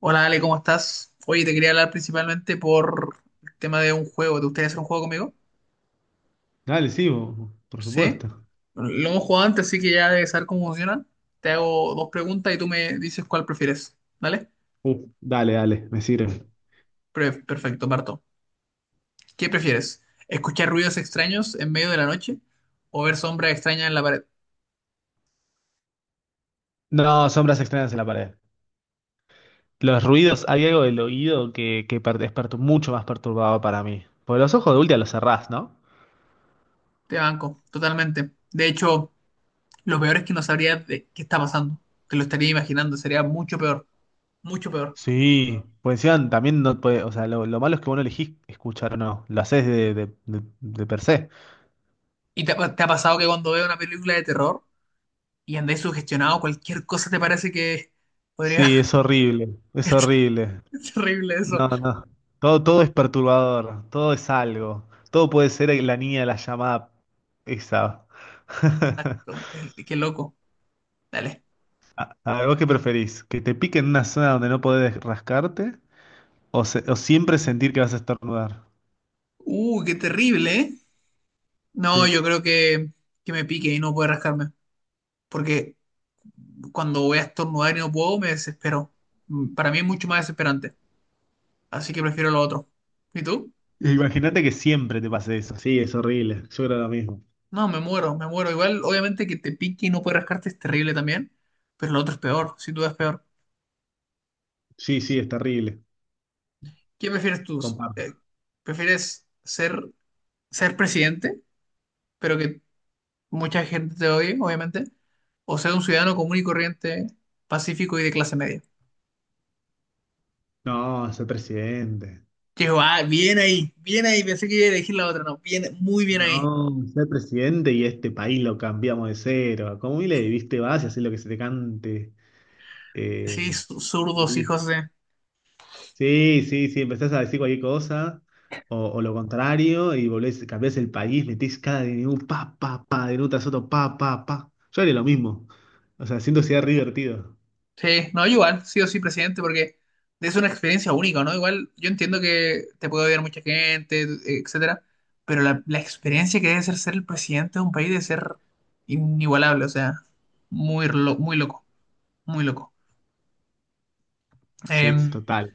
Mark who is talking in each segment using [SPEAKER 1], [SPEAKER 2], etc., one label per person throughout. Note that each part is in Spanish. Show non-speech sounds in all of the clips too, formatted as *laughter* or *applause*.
[SPEAKER 1] Hola Ale, ¿cómo estás? Oye, te quería hablar principalmente por el tema de un juego. ¿Te gustaría hacer un juego conmigo?
[SPEAKER 2] Dale, sí, por
[SPEAKER 1] Sí.
[SPEAKER 2] supuesto.
[SPEAKER 1] Bueno, lo hemos jugado antes, así que ya debes saber cómo funciona. Te hago dos preguntas y tú me dices cuál prefieres. ¿Vale?
[SPEAKER 2] Dale, me sirve.
[SPEAKER 1] Perfecto, Marto. ¿Qué prefieres? ¿Escuchar ruidos extraños en medio de la noche o ver sombras extrañas en la pared?
[SPEAKER 2] No, sombras extrañas en la pared. Los ruidos, hay algo del oído que es mucho más perturbado para mí. Porque los ojos de última los cerrás, ¿no?
[SPEAKER 1] Te banco, totalmente. De hecho, lo peor es que no sabrías de qué está pasando. Te lo estaría imaginando, sería mucho peor, mucho peor.
[SPEAKER 2] Sí, pues encima también no puede, o sea, lo malo es que vos no elegís escuchar o no, lo haces de per se.
[SPEAKER 1] ¿Y te ha pasado que cuando veo una película de terror y andáis sugestionado, cualquier cosa te parece que podría...
[SPEAKER 2] Sí, es horrible, es
[SPEAKER 1] *laughs*
[SPEAKER 2] horrible.
[SPEAKER 1] Es terrible eso.
[SPEAKER 2] No, no, todo es perturbador, todo es algo, todo puede ser la niña de la llamada esa. *laughs*
[SPEAKER 1] Exacto. Qué loco. Dale.
[SPEAKER 2] A ver, ¿vos qué preferís? ¿Que te pique en una zona donde no podés rascarte? ¿O, o siempre sentir que vas a estornudar?
[SPEAKER 1] Qué terrible, ¿eh? No,
[SPEAKER 2] Sí.
[SPEAKER 1] yo creo que me pique y no puede rascarme. Porque cuando voy a estornudar y no puedo, me desespero. Para mí es mucho más desesperante. Así que prefiero lo otro. ¿Y tú?
[SPEAKER 2] Imagínate que siempre te pase eso. Sí, es horrible. Yo creo lo mismo.
[SPEAKER 1] No, me muero, me muero. Igual, obviamente que te pique y no puedes rascarte es terrible también. Pero lo otro es peor, sin duda es peor.
[SPEAKER 2] Sí, sí, es terrible.
[SPEAKER 1] ¿Qué prefieres tú?
[SPEAKER 2] Comparto.
[SPEAKER 1] Eh, ¿Prefieres ser presidente pero que mucha gente te odie, obviamente, o ser un ciudadano común y corriente, pacífico y de clase media?
[SPEAKER 2] No, ser presidente.
[SPEAKER 1] Yo, ah, bien ahí, pensé que iba a elegir la otra, no, bien, muy bien ahí.
[SPEAKER 2] No, ser presidente y este país lo cambiamos de cero. Como le viste, vas y haces lo que se te cante.
[SPEAKER 1] Sí,
[SPEAKER 2] Eh,
[SPEAKER 1] zurdos, hijos de...
[SPEAKER 2] Sí, sí, sí, empezás a decir cualquier cosa, o lo contrario, y volvés, cambiás el país, metís cada DNU, pa, pa, pa, DNU tras otro, pa, pa, pa. Yo haría lo mismo. O sea, siento que sería re divertido.
[SPEAKER 1] Sí, no, igual, sí o sí, presidente, porque es una experiencia única, ¿no? Igual, yo entiendo que te puede odiar mucha gente, etcétera, pero la experiencia que debe ser ser el presidente de un país debe ser inigualable, o sea, muy loco, muy loco.
[SPEAKER 2] Sí,
[SPEAKER 1] Em,
[SPEAKER 2] total,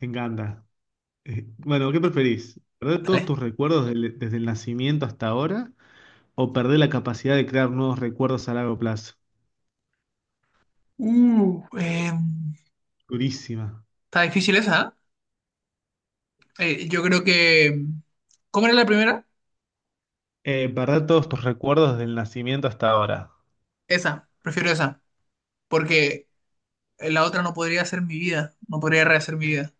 [SPEAKER 2] me encanta. Bueno, ¿qué preferís? ¿Perder todos
[SPEAKER 1] Dale.
[SPEAKER 2] tus recuerdos desde el nacimiento hasta ahora? ¿O perder la capacidad de crear nuevos recuerdos a largo plazo?
[SPEAKER 1] Uh, eh,
[SPEAKER 2] Durísima.
[SPEAKER 1] Está difícil esa, ¿eh? Yo creo que... ¿Cómo era la primera?
[SPEAKER 2] Perder todos tus recuerdos del nacimiento hasta ahora.
[SPEAKER 1] Esa, prefiero esa, porque la otra no podría ser mi vida, no podría rehacer mi vida.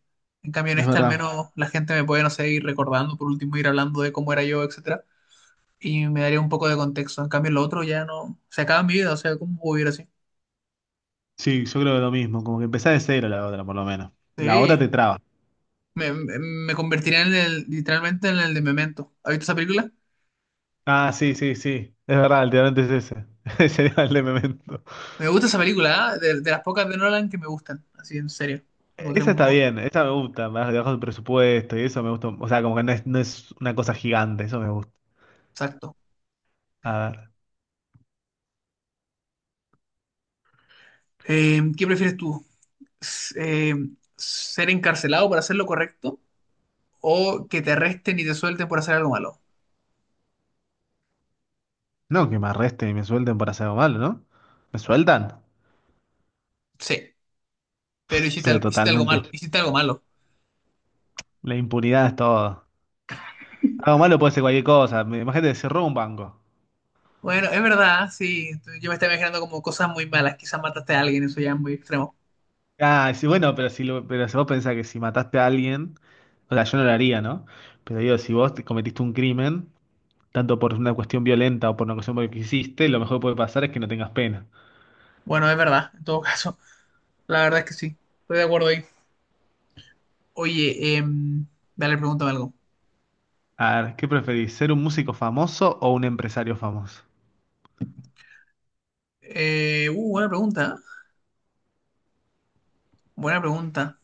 [SPEAKER 1] En cambio, en
[SPEAKER 2] Es
[SPEAKER 1] esta al
[SPEAKER 2] verdad.
[SPEAKER 1] menos la gente me puede, no sé, ir recordando, por último ir hablando de cómo era yo, etcétera, y me daría un poco de contexto. En cambio, en lo otro ya no... Se acaba mi vida, o sea, ¿cómo puedo vivir así?
[SPEAKER 2] Sí, yo creo que lo mismo, como que empezás de cero la otra, por lo menos. La
[SPEAKER 1] Sí,
[SPEAKER 2] otra te traba.
[SPEAKER 1] me convertiría literalmente en el de Memento. ¿Has visto esa película?
[SPEAKER 2] Ah, sí, sí, sí. Es verdad, el tirante es ese. *laughs* Ese era el de Memento.
[SPEAKER 1] Me gusta esa película, ¿eh? De las pocas de Nolan que me gustan, así en serio. La encontré
[SPEAKER 2] Esa
[SPEAKER 1] muy
[SPEAKER 2] está
[SPEAKER 1] buena.
[SPEAKER 2] bien, esa me gusta, más debajo del presupuesto y eso me gusta. O sea, como que no es una cosa gigante, eso me gusta.
[SPEAKER 1] Exacto.
[SPEAKER 2] A ver.
[SPEAKER 1] ¿Qué prefieres tú? S- eh, ¿Ser encarcelado por hacer lo correcto o que te arresten y te suelten por hacer algo malo?
[SPEAKER 2] No, que me arresten y me suelten por hacer algo malo, ¿no? Me sueltan,
[SPEAKER 1] Sí, pero hiciste,
[SPEAKER 2] pero
[SPEAKER 1] al- hiciste algo malo,
[SPEAKER 2] totalmente.
[SPEAKER 1] hiciste algo malo.
[SPEAKER 2] La impunidad es todo. Algo malo puede ser cualquier cosa. Imagínate, cerró un banco.
[SPEAKER 1] Bueno, es verdad, ¿ah? Sí. Yo me estaba imaginando como cosas muy malas, quizás mataste a alguien, eso ya es muy extremo.
[SPEAKER 2] Ah, sí, bueno, pero si vos pensás que si mataste a alguien, o sea, yo no lo haría, ¿no? Pero digo, si vos te cometiste un crimen, tanto por una cuestión violenta o por una cuestión porque hiciste, lo mejor que puede pasar es que no tengas pena.
[SPEAKER 1] Bueno, es verdad, en todo *laughs* caso, la verdad es que sí, estoy de acuerdo ahí. Oye, dale, pregúntame algo.
[SPEAKER 2] A ver, ¿qué preferís? ¿Ser un músico famoso o un empresario famoso?
[SPEAKER 1] Buena pregunta, ¿eh? Buena pregunta.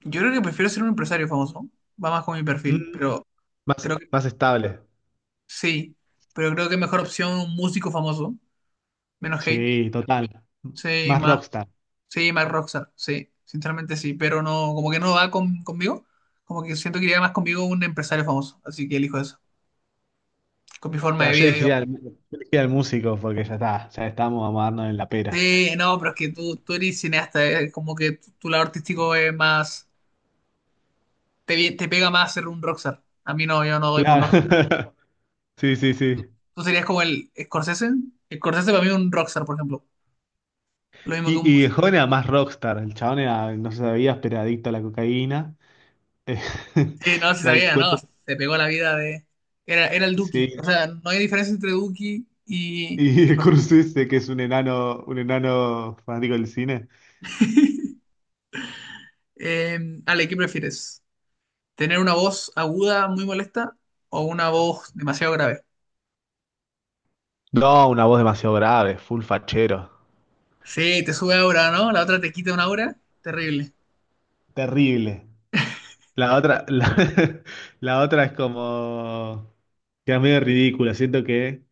[SPEAKER 1] Yo creo que prefiero ser un empresario famoso. Va más con mi perfil,
[SPEAKER 2] Mm,
[SPEAKER 1] pero
[SPEAKER 2] más,
[SPEAKER 1] creo que
[SPEAKER 2] más estable.
[SPEAKER 1] sí. Pero creo que mejor opción un músico famoso. Menos hate.
[SPEAKER 2] Sí, total.
[SPEAKER 1] Sí,
[SPEAKER 2] Más
[SPEAKER 1] más.
[SPEAKER 2] rockstar.
[SPEAKER 1] Sí, más rockstar. Sí, sinceramente sí. Pero no, como que no va conmigo. Como que siento que iría más conmigo un empresario famoso. Así que elijo eso. Con mi forma de
[SPEAKER 2] Claro,
[SPEAKER 1] vida, digo.
[SPEAKER 2] yo elegiría al músico porque ya está, ya estamos, vamos a darnos en la pera.
[SPEAKER 1] Sí, no, pero es que tú eres cineasta. Como que tu lado artístico es más. Te pega más ser un rockstar. A mí no, yo no doy por un rockstar.
[SPEAKER 2] Claro. *laughs* Sí, sí, sí.
[SPEAKER 1] Tú serías como el Scorsese. Scorsese para mí es un rockstar, por ejemplo. Lo mismo que un
[SPEAKER 2] Y el
[SPEAKER 1] músico.
[SPEAKER 2] joven era más rockstar, el chabón era, no se sabía, pero era adicto a la cocaína. Eh,
[SPEAKER 1] Sí, no,
[SPEAKER 2] *laughs*
[SPEAKER 1] sí
[SPEAKER 2] y hay
[SPEAKER 1] sabía, ¿no?
[SPEAKER 2] cuento,
[SPEAKER 1] Se pegó la vida de... Era el Duki. O
[SPEAKER 2] sí,
[SPEAKER 1] sea, no hay diferencia entre Duki y,
[SPEAKER 2] y
[SPEAKER 1] y
[SPEAKER 2] *laughs*
[SPEAKER 1] José.
[SPEAKER 2] Scorsese, que es un enano fanático del cine.
[SPEAKER 1] Ale, ¿qué prefieres? ¿Tener una voz aguda muy molesta o una voz demasiado grave?
[SPEAKER 2] No, una voz demasiado grave, full fachero.
[SPEAKER 1] Sí, te sube aura, ¿no? La otra te quita una aura. Terrible.
[SPEAKER 2] Terrible. La otra, la, *laughs* la otra es como, que es medio ridícula, siento que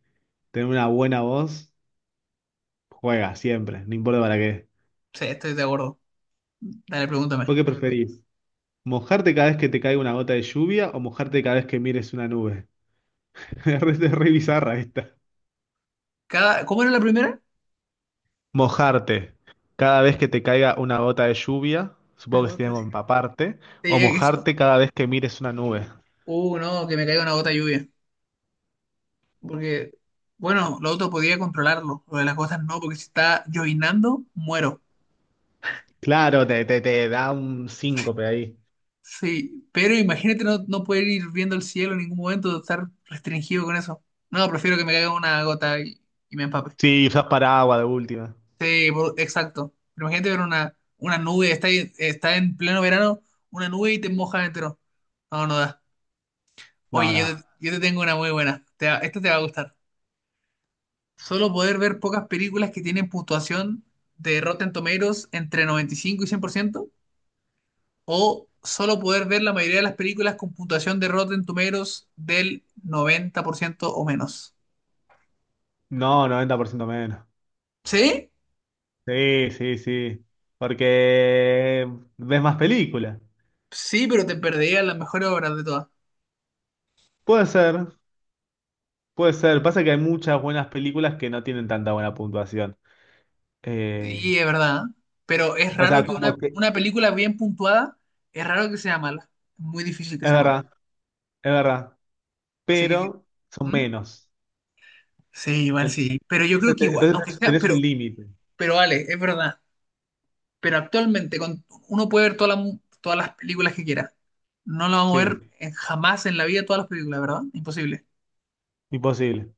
[SPEAKER 2] tener una buena voz juega siempre, no importa para qué.
[SPEAKER 1] Sí, estoy de acuerdo. Dale, pregúntame.
[SPEAKER 2] ¿Vos qué preferís? ¿Mojarte cada vez que te caiga una gota de lluvia o mojarte cada vez que mires una nube? *laughs* Es re bizarra esta.
[SPEAKER 1] Cada... ¿Cómo era la primera?
[SPEAKER 2] Mojarte. Cada vez que te caiga una gota de lluvia,
[SPEAKER 1] Una
[SPEAKER 2] supongo que sería
[SPEAKER 1] gota de
[SPEAKER 2] como
[SPEAKER 1] lluvia.
[SPEAKER 2] empaparte,
[SPEAKER 1] Sí,
[SPEAKER 2] o
[SPEAKER 1] eso.
[SPEAKER 2] mojarte cada vez que mires una nube.
[SPEAKER 1] No, que me caiga una gota de lluvia. Porque, bueno, lo otro podía controlarlo. Lo de las gotas no, porque si está llovinando, muero.
[SPEAKER 2] Claro, te da un síncope ahí.
[SPEAKER 1] Sí, pero imagínate no poder ir viendo el cielo en ningún momento, estar restringido con eso. No, prefiero que me caiga una gota y me empape.
[SPEAKER 2] Sí, usás paraguas de última.
[SPEAKER 1] Sí, exacto. Pero imagínate ver una nube, está en pleno verano, una nube y te mojas entero. No, no da.
[SPEAKER 2] No,
[SPEAKER 1] Oye, yo te,
[SPEAKER 2] nada.
[SPEAKER 1] yo te tengo una muy buena. Esta te va a gustar. Solo poder ver pocas películas que tienen puntuación de Rotten Tomatoes entre 95 y 100%, o solo poder ver la mayoría de las películas con puntuación de Rotten Tomatoes del 90% o menos.
[SPEAKER 2] No, 90% menos.
[SPEAKER 1] ¿Sí?
[SPEAKER 2] Sí, sí, sí. Porque ves más películas.
[SPEAKER 1] Sí, pero te perderías las mejores obras de todas.
[SPEAKER 2] Puede ser, puede ser. Pasa que hay muchas buenas películas que no tienen tanta buena puntuación. Eh,
[SPEAKER 1] Y es verdad, ¿eh? Pero es
[SPEAKER 2] o
[SPEAKER 1] raro
[SPEAKER 2] sea,
[SPEAKER 1] que una,
[SPEAKER 2] como que...
[SPEAKER 1] una película bien puntuada, es raro que sea mala. Es muy difícil que
[SPEAKER 2] Es
[SPEAKER 1] sea mala.
[SPEAKER 2] verdad, es verdad,
[SPEAKER 1] Así que,
[SPEAKER 2] pero son
[SPEAKER 1] ¿Mm?
[SPEAKER 2] menos.
[SPEAKER 1] Sí, igual sí. Pero yo creo
[SPEAKER 2] Entonces,
[SPEAKER 1] que igual,
[SPEAKER 2] entonces
[SPEAKER 1] aunque
[SPEAKER 2] tenés
[SPEAKER 1] sea,
[SPEAKER 2] tenés un
[SPEAKER 1] pero,
[SPEAKER 2] límite.
[SPEAKER 1] pero vale, es verdad. Pero actualmente uno puede ver todas las todas las películas que quiera. No lo vamos a ver
[SPEAKER 2] Sí,
[SPEAKER 1] jamás en la vida todas las películas, ¿verdad? Imposible.
[SPEAKER 2] imposible.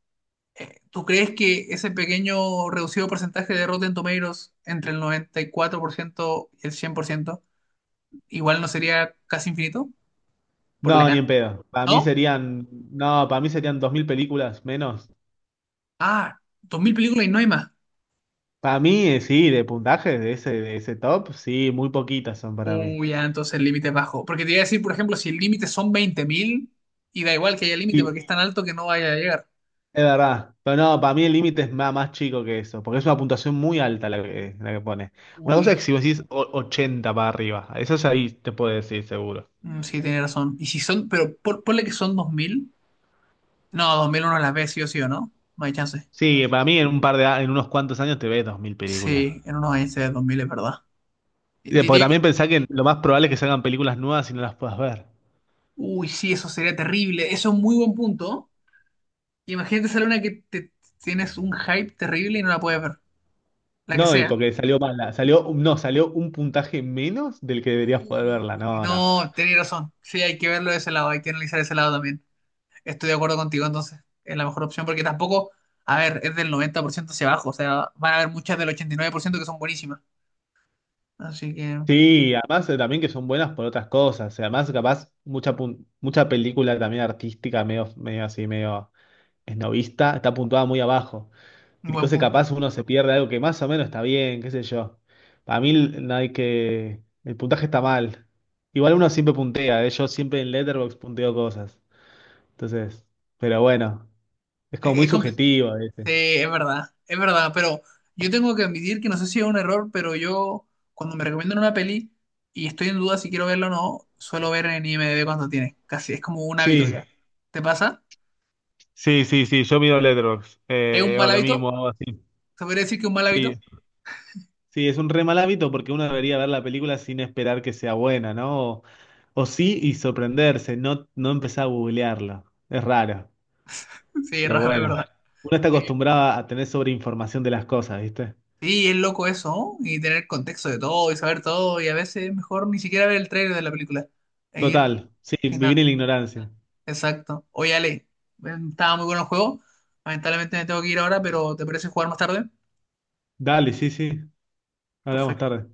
[SPEAKER 1] ¿Tú crees que ese pequeño reducido porcentaje de Rotten Tomatoes entre el 94% y 4% y el 100% igual no sería casi infinito? Por la
[SPEAKER 2] No, ni
[SPEAKER 1] cantidad.
[SPEAKER 2] en pedo.
[SPEAKER 1] ¿No?
[SPEAKER 2] No, para mí serían 2000 películas menos.
[SPEAKER 1] Ah, 2.000
[SPEAKER 2] Y
[SPEAKER 1] películas y no hay más.
[SPEAKER 2] Para mí, sí, de puntaje de ese top, sí, muy poquitas son para mí.
[SPEAKER 1] Uy, ya, entonces el límite es bajo. Porque te iba a decir, por ejemplo, si el límite son 20.000 y da igual que haya límite porque es
[SPEAKER 2] Y
[SPEAKER 1] tan alto que no vaya a llegar.
[SPEAKER 2] es verdad, pero no, para mí el límite es más chico que eso, porque es una puntuación muy alta la que pone. Una cosa es
[SPEAKER 1] Uy,
[SPEAKER 2] que si vos decís 80 para arriba, eso es ahí te puedo decir seguro.
[SPEAKER 1] sí, tiene razón. Y si son, pero ponle que son 2.000. No, 2.000 uno las ve sí o sí o no. No hay chance.
[SPEAKER 2] Sí, para mí en un par de, en unos cuantos años te ves 2000 películas.
[SPEAKER 1] Sí, en unos años se ve 2.000, es verdad.
[SPEAKER 2] Porque
[SPEAKER 1] Diría que.
[SPEAKER 2] también pensá que lo más probable es que salgan películas nuevas y no las puedas ver.
[SPEAKER 1] Uy, sí, eso sería terrible. Eso es un muy buen punto. Imagínate esa luna que te tienes un hype terrible y no la puedes ver. La que
[SPEAKER 2] No, y
[SPEAKER 1] sea.
[SPEAKER 2] porque salió mala. Salió, no, salió un puntaje menos del que deberías poder
[SPEAKER 1] Uy,
[SPEAKER 2] verla. No, no.
[SPEAKER 1] no, tenés razón. Sí, hay que verlo de ese lado, hay que analizar ese lado también. Estoy de acuerdo contigo, entonces es la mejor opción porque tampoco, a ver, es del 90% hacia abajo. O sea, van a haber muchas del 89% que son buenísimas. Así que, un
[SPEAKER 2] Sí, además también que son buenas por otras cosas. Además, capaz, mucha película también artística, medio esnovista, está puntuada muy abajo. Y
[SPEAKER 1] buen
[SPEAKER 2] cosas
[SPEAKER 1] punto.
[SPEAKER 2] capaz uno se pierde algo que más o menos está bien, qué sé yo. Para mí no hay que... El puntaje está mal. Igual uno siempre puntea, yo siempre en Letterboxd punteo cosas. Entonces, pero bueno, es como muy
[SPEAKER 1] Es complicado.
[SPEAKER 2] subjetivo a veces.
[SPEAKER 1] Sí, es verdad, pero yo tengo que admitir que no sé si es un error, pero yo cuando me recomiendan una peli y estoy en duda si quiero verla o no, suelo ver en IMDb cuando tiene, casi es como un hábito
[SPEAKER 2] Sí,
[SPEAKER 1] ya. ¿Te pasa?
[SPEAKER 2] sí, sí, sí, yo miro Letterboxd,
[SPEAKER 1] ¿Es un
[SPEAKER 2] o
[SPEAKER 1] mal
[SPEAKER 2] lo
[SPEAKER 1] hábito?
[SPEAKER 2] mismo, algo así.
[SPEAKER 1] ¿Se podría decir que es un mal
[SPEAKER 2] Sí,
[SPEAKER 1] hábito?
[SPEAKER 2] sí, es un re mal hábito porque uno debería ver la película sin esperar que sea buena, ¿no? O sí y sorprenderse, no empezar a googlearla. Es raro,
[SPEAKER 1] Sí, es
[SPEAKER 2] pero
[SPEAKER 1] raro, es
[SPEAKER 2] bueno.
[SPEAKER 1] verdad.
[SPEAKER 2] Uno está
[SPEAKER 1] Bien.
[SPEAKER 2] acostumbrado a tener sobreinformación de las cosas, ¿viste?
[SPEAKER 1] Sí, es loco eso, ¿no? Y tener contexto de todo y saber todo y a veces mejor ni siquiera ver el trailer de la película e ir
[SPEAKER 2] Total, sí,
[SPEAKER 1] sin
[SPEAKER 2] vivir en
[SPEAKER 1] nada.
[SPEAKER 2] la ignorancia.
[SPEAKER 1] Exacto. Oye, Ale, estaba muy bueno el juego. Lamentablemente me tengo que ir ahora, pero ¿te parece jugar más tarde?
[SPEAKER 2] Dale, sí, sí, hablamos
[SPEAKER 1] Perfecto.
[SPEAKER 2] tarde.